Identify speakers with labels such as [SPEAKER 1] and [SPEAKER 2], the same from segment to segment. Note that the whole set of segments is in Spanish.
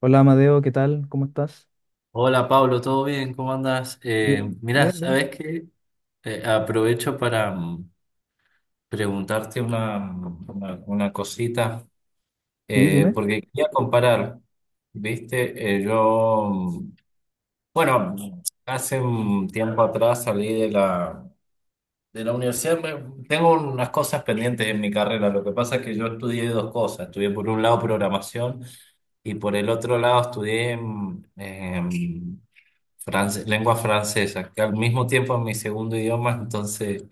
[SPEAKER 1] Hola Amadeo, ¿qué tal? ¿Cómo estás?
[SPEAKER 2] Hola Pablo, ¿todo bien? ¿Cómo andas?
[SPEAKER 1] Bien,
[SPEAKER 2] Mirá,
[SPEAKER 1] bien, bien.
[SPEAKER 2] ¿sabes qué? Aprovecho para preguntarte una cosita,
[SPEAKER 1] Sí, dime.
[SPEAKER 2] porque quería comparar, ¿viste? Yo, bueno, hace un tiempo atrás salí de la universidad. Tengo unas cosas pendientes en mi carrera. Lo que pasa es que yo estudié dos cosas. Estudié por un lado programación y por el otro lado estudié lengua francesa, que al mismo tiempo es mi segundo idioma, entonces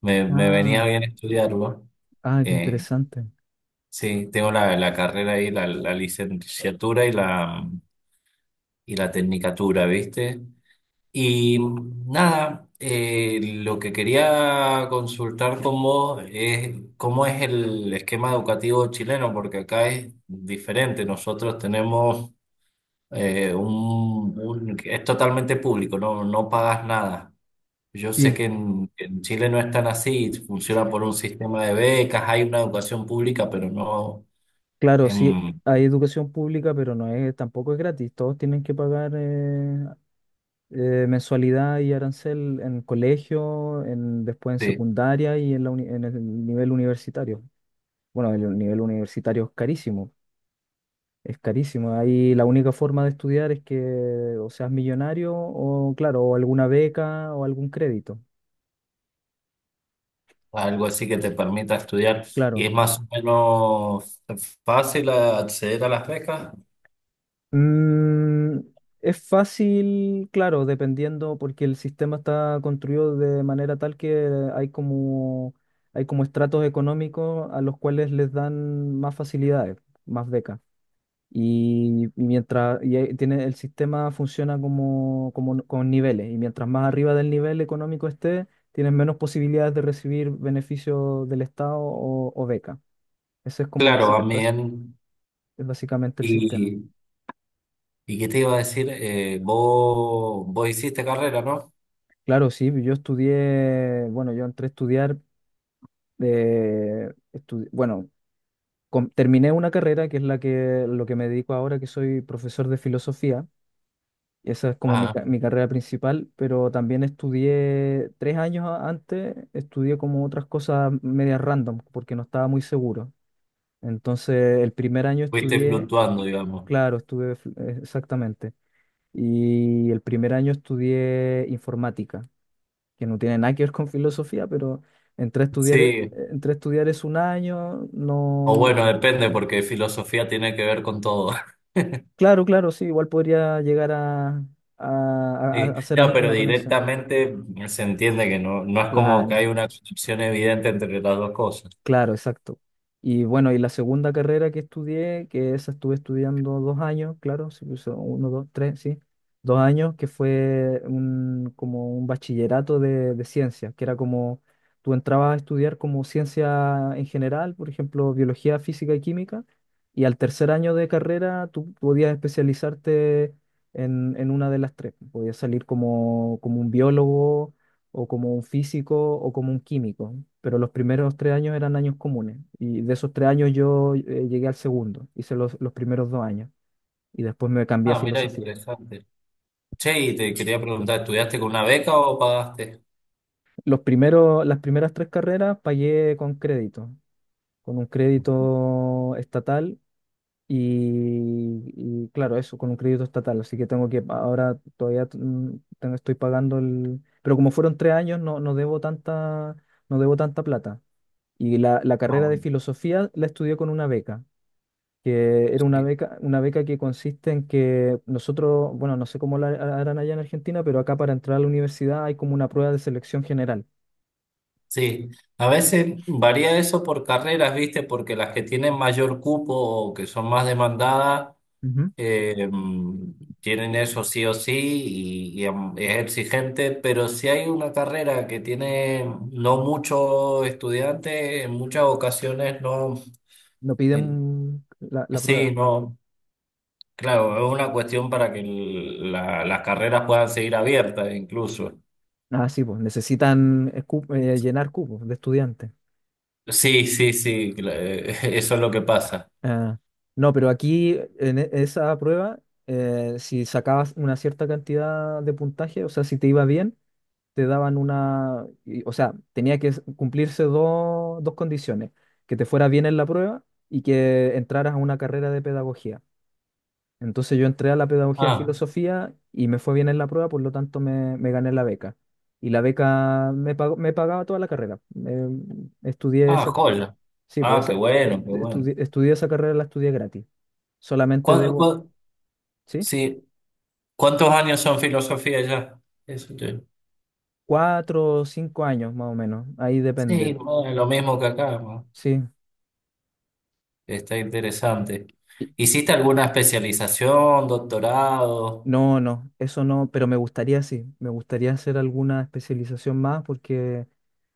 [SPEAKER 2] me venía
[SPEAKER 1] Ah,
[SPEAKER 2] bien estudiarlo.
[SPEAKER 1] ah, qué
[SPEAKER 2] Eh,
[SPEAKER 1] interesante.
[SPEAKER 2] sí, tengo la carrera ahí, la licenciatura y la tecnicatura, ¿viste? Y nada, lo que quería consultar con vos es cómo es el esquema educativo chileno, porque acá es diferente. Nosotros tenemos es totalmente público, no, no pagas nada. Yo sé
[SPEAKER 1] Sí,
[SPEAKER 2] que en Chile no es tan así, funciona por un sistema de becas, hay una educación pública, pero no
[SPEAKER 1] claro, sí,
[SPEAKER 2] em,
[SPEAKER 1] hay educación pública, pero no es, tampoco es gratis. Todos tienen que pagar mensualidad y arancel en colegio, después en
[SPEAKER 2] sí,
[SPEAKER 1] secundaria y en el nivel universitario. Bueno, el nivel universitario es carísimo, es carísimo. Ahí la única forma de estudiar es que o seas millonario o, claro, o alguna beca o algún crédito.
[SPEAKER 2] algo así que te permita estudiar. Y
[SPEAKER 1] Claro.
[SPEAKER 2] es más o menos fácil acceder a las becas.
[SPEAKER 1] Mm, es fácil, claro, dependiendo, porque el sistema está construido de manera tal que hay como, hay como estratos económicos a los cuales les dan más facilidades, más becas. Y mientras y ahí tiene, el sistema funciona como con niveles, y mientras más arriba del nivel económico esté, tienes menos posibilidades de recibir beneficios del Estado o beca. Ese es como
[SPEAKER 2] Claro, también.
[SPEAKER 1] es básicamente el sistema.
[SPEAKER 2] ¿Y, y qué te iba a decir? Vos hiciste carrera, ¿no?
[SPEAKER 1] Claro, sí, bueno, yo entré a estudiar, bueno, terminé una carrera que es la que, lo que me dedico ahora, que soy profesor de filosofía. Esa es como mi,
[SPEAKER 2] Ah,
[SPEAKER 1] ca- mi carrera principal, pero también estudié 3 años antes. Estudié como otras cosas medias random, porque no estaba muy seguro. Entonces, el primer año
[SPEAKER 2] fuiste
[SPEAKER 1] estudié.
[SPEAKER 2] fluctuando, digamos.
[SPEAKER 1] Claro, estuve, exactamente. Y el primer año estudié informática, que no tiene nada que ver con filosofía, pero entré a estudiar, eh,
[SPEAKER 2] Sí,
[SPEAKER 1] entré a estudiar es un año,
[SPEAKER 2] o
[SPEAKER 1] no.
[SPEAKER 2] bueno, depende, porque filosofía tiene que ver con todo.
[SPEAKER 1] Claro, claro, sí, igual podría llegar a, a- a-
[SPEAKER 2] Sí,
[SPEAKER 1] a hacer
[SPEAKER 2] no, pero
[SPEAKER 1] una conexión.
[SPEAKER 2] directamente se entiende que no, no es como que
[SPEAKER 1] Claro.
[SPEAKER 2] hay una conexión evidente entre las dos cosas.
[SPEAKER 1] Claro, exacto. Y bueno, la segunda carrera que estudié, que esa estuve estudiando 2 años, claro, sí, pues, uno, dos, tres, sí, 2 años, que fue como un bachillerato de ciencias, que era como, tú entrabas a estudiar como ciencia en general, por ejemplo, biología, física y química, y al tercer año de carrera tú podías especializarte en una de las tres. Podías salir como un biólogo o como un físico o como un químico, pero los primeros 3 años eran años comunes, y de esos 3 años yo llegué al segundo, hice los primeros 2 años y después me cambié a
[SPEAKER 2] Ah, mira,
[SPEAKER 1] filosofía.
[SPEAKER 2] interesante. Che, y te quería preguntar, ¿estudiaste con una beca o pagaste?
[SPEAKER 1] Las primeras tres carreras pagué con crédito, con un crédito estatal. Y claro, eso con un crédito estatal, así que ahora todavía estoy pagando pero como fueron 3 años, no, no debo tanta plata. Y la
[SPEAKER 2] Ah,
[SPEAKER 1] carrera de
[SPEAKER 2] bueno,
[SPEAKER 1] filosofía la estudié con una beca, que era una
[SPEAKER 2] sí.
[SPEAKER 1] beca, que consiste en que nosotros, bueno, no sé cómo la harán allá en Argentina, pero acá para entrar a la universidad hay como una prueba de selección general.
[SPEAKER 2] Sí, a veces varía eso por carreras, ¿viste? Porque las que tienen mayor cupo o que son más demandadas,
[SPEAKER 1] Ujú.
[SPEAKER 2] eh, tienen eso sí o sí, y es exigente, pero si hay una carrera que tiene no muchos estudiantes, en muchas ocasiones no,
[SPEAKER 1] No
[SPEAKER 2] el-
[SPEAKER 1] piden la
[SPEAKER 2] sí,
[SPEAKER 1] prueba.
[SPEAKER 2] no, claro, es una cuestión para que las carreras puedan seguir abiertas incluso.
[SPEAKER 1] Ah, sí, pues necesitan llenar cupos de estudiantes.
[SPEAKER 2] Sí, sí, sí, eso es lo que pasa.
[SPEAKER 1] Ah, no, pero aquí esa prueba, si sacabas una cierta cantidad de puntaje, o sea, si te iba bien, te daban una, o sea, tenía que cumplirse dos condiciones, que te fuera bien en la prueba y que entraras a una carrera de pedagogía. Entonces yo entré a la pedagogía en
[SPEAKER 2] Ah.
[SPEAKER 1] filosofía y me fue bien en la prueba, por lo tanto me gané la beca. Y la beca me pagaba toda la carrera. Eh, estudié
[SPEAKER 2] Ah,
[SPEAKER 1] esa, ca-
[SPEAKER 2] joya.
[SPEAKER 1] sí,
[SPEAKER 2] Ah,
[SPEAKER 1] pues
[SPEAKER 2] qué bueno, qué bueno.
[SPEAKER 1] estudié esa carrera, la estudié gratis. Solamente
[SPEAKER 2] ¿Cuán-
[SPEAKER 1] debo,
[SPEAKER 2] cuán-
[SPEAKER 1] ¿sí?
[SPEAKER 2] sí, ¿cuántos años son filosofía ya? Eso te-
[SPEAKER 1] 4 o 5 años más o menos, ahí
[SPEAKER 2] Sí,
[SPEAKER 1] depende.
[SPEAKER 2] bueno, lo mismo que acá, ¿no?
[SPEAKER 1] Sí.
[SPEAKER 2] Está interesante. ¿Hiciste alguna especialización, doctorado?
[SPEAKER 1] No, no, eso no, pero me gustaría, sí, me gustaría hacer alguna especialización más, porque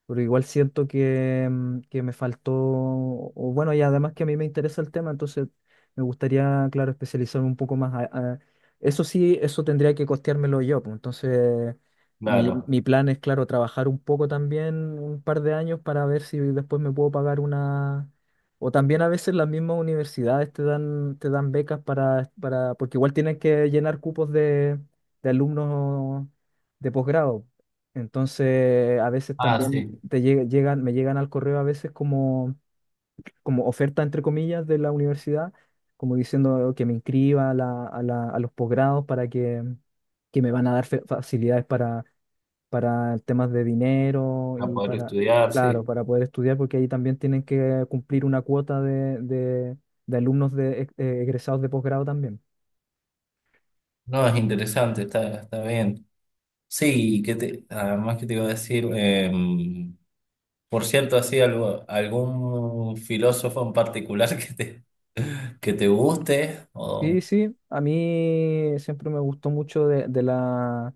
[SPEAKER 1] pero igual siento que me faltó, o bueno, y además que a mí me interesa el tema, entonces me gustaría, claro, especializarme un poco más. Eso sí, eso tendría que costeármelo yo, pues, entonces mi,
[SPEAKER 2] Claro.
[SPEAKER 1] mi plan es, claro, trabajar un poco también un par de años para ver si después me puedo pagar una. O también a veces las mismas universidades te dan becas porque igual tienen que llenar cupos de alumnos de posgrado. Entonces, a veces
[SPEAKER 2] Ah,
[SPEAKER 1] también
[SPEAKER 2] sí,
[SPEAKER 1] me llegan al correo a veces como oferta, entre comillas, de la universidad, como diciendo que me inscriba a los posgrados para que me van a dar facilidades para temas de dinero
[SPEAKER 2] para
[SPEAKER 1] y
[SPEAKER 2] poder
[SPEAKER 1] para,
[SPEAKER 2] estudiar,
[SPEAKER 1] claro,
[SPEAKER 2] sí.
[SPEAKER 1] para poder estudiar, porque ahí también tienen que cumplir una cuota de alumnos egresados de posgrado también.
[SPEAKER 2] No, es interesante, está bien. Sí, que te, además que te iba a decir, por cierto, así algún filósofo en particular que te guste, o
[SPEAKER 1] Sí, sí, a mí siempre me gustó mucho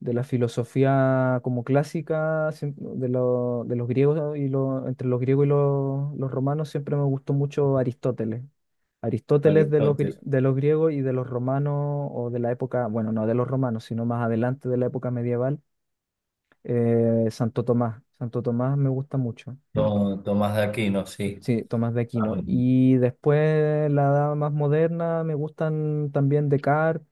[SPEAKER 1] de la filosofía como clásica, de los griegos entre los griegos y los romanos siempre me gustó mucho Aristóteles. Aristóteles de los, gri-
[SPEAKER 2] Aristóteles,
[SPEAKER 1] de los griegos, y de los romanos o de la época, bueno, no de los romanos, sino más adelante de la época medieval, Santo Tomás. Santo Tomás me gusta mucho.
[SPEAKER 2] Tomás de Aquino, sí.
[SPEAKER 1] Sí, Tomás de
[SPEAKER 2] Ah,
[SPEAKER 1] Aquino. Y después la edad más moderna me gustan también Descartes,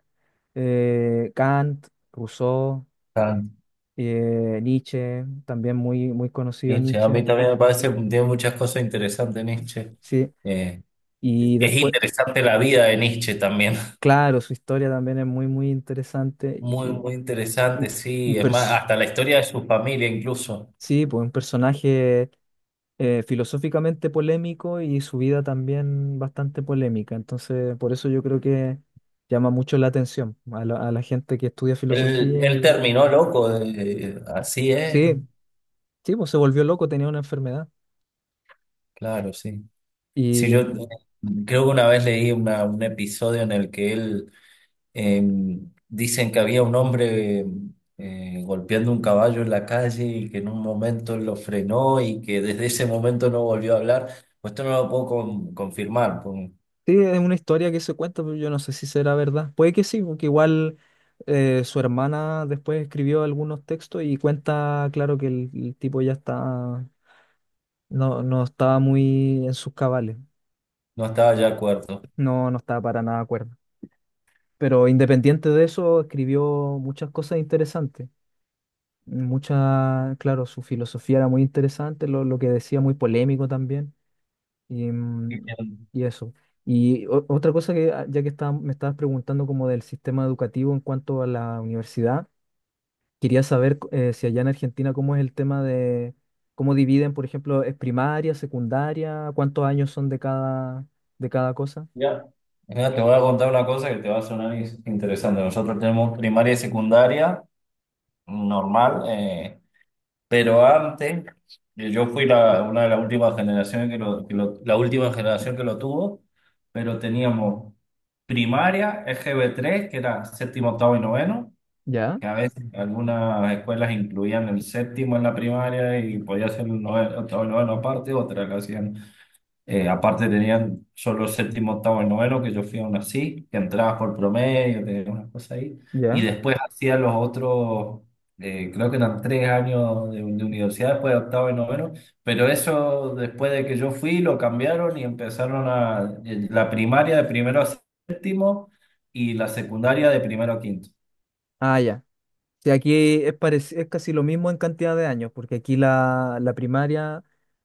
[SPEAKER 1] Kant, Rousseau.
[SPEAKER 2] Kant,
[SPEAKER 1] Nietzsche, también muy, muy conocido
[SPEAKER 2] Nietzsche, a
[SPEAKER 1] Nietzsche,
[SPEAKER 2] mí también me parece que tiene muchas cosas interesantes Nietzsche.
[SPEAKER 1] ¿sí?
[SPEAKER 2] Eh,
[SPEAKER 1] Y
[SPEAKER 2] es
[SPEAKER 1] después,
[SPEAKER 2] interesante la vida de Nietzsche también.
[SPEAKER 1] claro, su historia también es muy, muy interesante.
[SPEAKER 2] Muy,
[SPEAKER 1] Y
[SPEAKER 2] muy interesante,
[SPEAKER 1] un,
[SPEAKER 2] sí.
[SPEAKER 1] un
[SPEAKER 2] Es más,
[SPEAKER 1] pers-
[SPEAKER 2] hasta la historia de su familia incluso.
[SPEAKER 1] sí, pues un personaje filosóficamente polémico, y su vida también bastante polémica. Entonces, por eso yo creo que llama mucho la atención a la gente que estudia
[SPEAKER 2] Él,
[SPEAKER 1] filosofía
[SPEAKER 2] él
[SPEAKER 1] y.
[SPEAKER 2] terminó loco, así es.
[SPEAKER 1] Sí, sí, pues se volvió loco, tenía una enfermedad.
[SPEAKER 2] Claro, sí. Sí, yo creo que una vez leí un episodio en el que él, Eh, dicen, que había un hombre golpeando un caballo en la calle y que en un momento lo frenó y que desde ese momento no volvió a hablar. Pues esto no lo puedo confirmar, pues
[SPEAKER 1] Sí, es una historia que se cuenta, pero yo no sé si será verdad. Puede que sí, porque igual su hermana después escribió algunos textos y cuenta, claro, que el tipo ya está, no, no estaba muy en sus cabales,
[SPEAKER 2] no estaba ya de acuerdo.
[SPEAKER 1] no, no estaba para nada de acuerdo. Pero independiente de eso, escribió muchas cosas interesantes. Mucha, claro, su filosofía era muy interesante. Lo que decía muy polémico también. Y, mm,
[SPEAKER 2] Bien.
[SPEAKER 1] y eso. Y otra cosa que, ah, ya que me estabas preguntando como del sistema educativo en cuanto a la universidad, quería saber si allá en Argentina cómo es el tema de cómo dividen, por ejemplo, es primaria, secundaria, cuántos años son de cada cosa.
[SPEAKER 2] Ya. Mira, te voy a contar una cosa que te va a sonar interesante. Nosotros tenemos primaria y secundaria normal. Pero antes, yo fui una de las últimas generaciones la última generación que lo tuvo, pero teníamos primaria, EGB3, que era séptimo, octavo y noveno,
[SPEAKER 1] ¿Ya?
[SPEAKER 2] que a veces algunas escuelas incluían el séptimo en la primaria y podía ser el noveno, octavo y noveno aparte, otras lo hacían aparte, tenían solo séptimo, octavo y noveno, que yo fui aún así, que entrabas por promedio, tenías unas cosas ahí. Y
[SPEAKER 1] ¿Ya?
[SPEAKER 2] después hacía los otros, creo que eran 3 años de universidad después de octavo y noveno, pero eso, después de que yo fui, lo cambiaron y empezaron a la primaria de primero a séptimo y la secundaria de primero a quinto.
[SPEAKER 1] Ah, ya. Sí, aquí es casi lo mismo en cantidad de años, porque aquí la primaria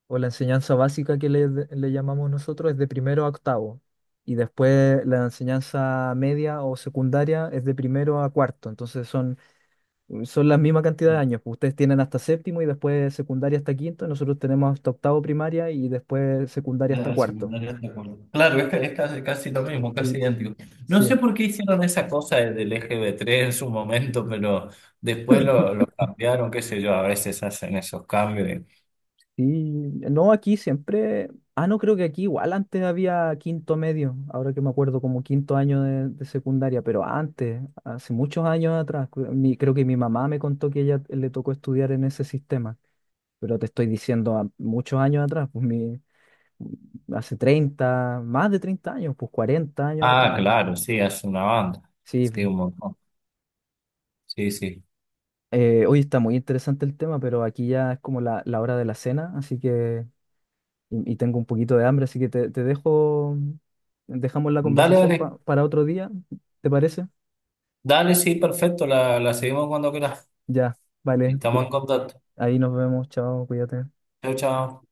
[SPEAKER 1] o la enseñanza básica que le llamamos nosotros es de primero a octavo, y después la enseñanza media o secundaria es de primero a cuarto, entonces son la misma cantidad de años. Pues ustedes tienen hasta séptimo y después secundaria hasta quinto, nosotros tenemos hasta octavo primaria y después secundaria hasta
[SPEAKER 2] La
[SPEAKER 1] cuarto.
[SPEAKER 2] secundaria está claro, es casi, casi lo mismo, casi
[SPEAKER 1] El,
[SPEAKER 2] idéntico. No sé
[SPEAKER 1] sí.
[SPEAKER 2] por qué hicieron esa cosa del EGB3 en su momento, pero después lo cambiaron, qué sé yo, a veces hacen esos cambios.
[SPEAKER 1] Sí, no, aquí siempre. Ah, no, creo que aquí igual antes había quinto medio, ahora que me acuerdo, como quinto año de secundaria, pero antes, hace muchos años atrás, creo que mi mamá me contó que ella le tocó estudiar en ese sistema, pero te estoy diciendo muchos años atrás, pues hace 30, más de 30 años, pues 40 años atrás.
[SPEAKER 2] Ah, claro, sí, hace una banda.
[SPEAKER 1] Sí,
[SPEAKER 2] Sí, un montón. Sí, sí.
[SPEAKER 1] hoy está muy interesante el tema, pero aquí ya es como la hora de la cena, así que y tengo un poquito de hambre, así que te dejo, dejamos la
[SPEAKER 2] Dale,
[SPEAKER 1] conversación
[SPEAKER 2] dale.
[SPEAKER 1] para otro día, ¿te parece?
[SPEAKER 2] Dale, sí, perfecto. La seguimos cuando quieras.
[SPEAKER 1] Ya, vale,
[SPEAKER 2] Estamos en contacto.
[SPEAKER 1] ahí nos vemos, chao, cuídate.
[SPEAKER 2] Chao, chao.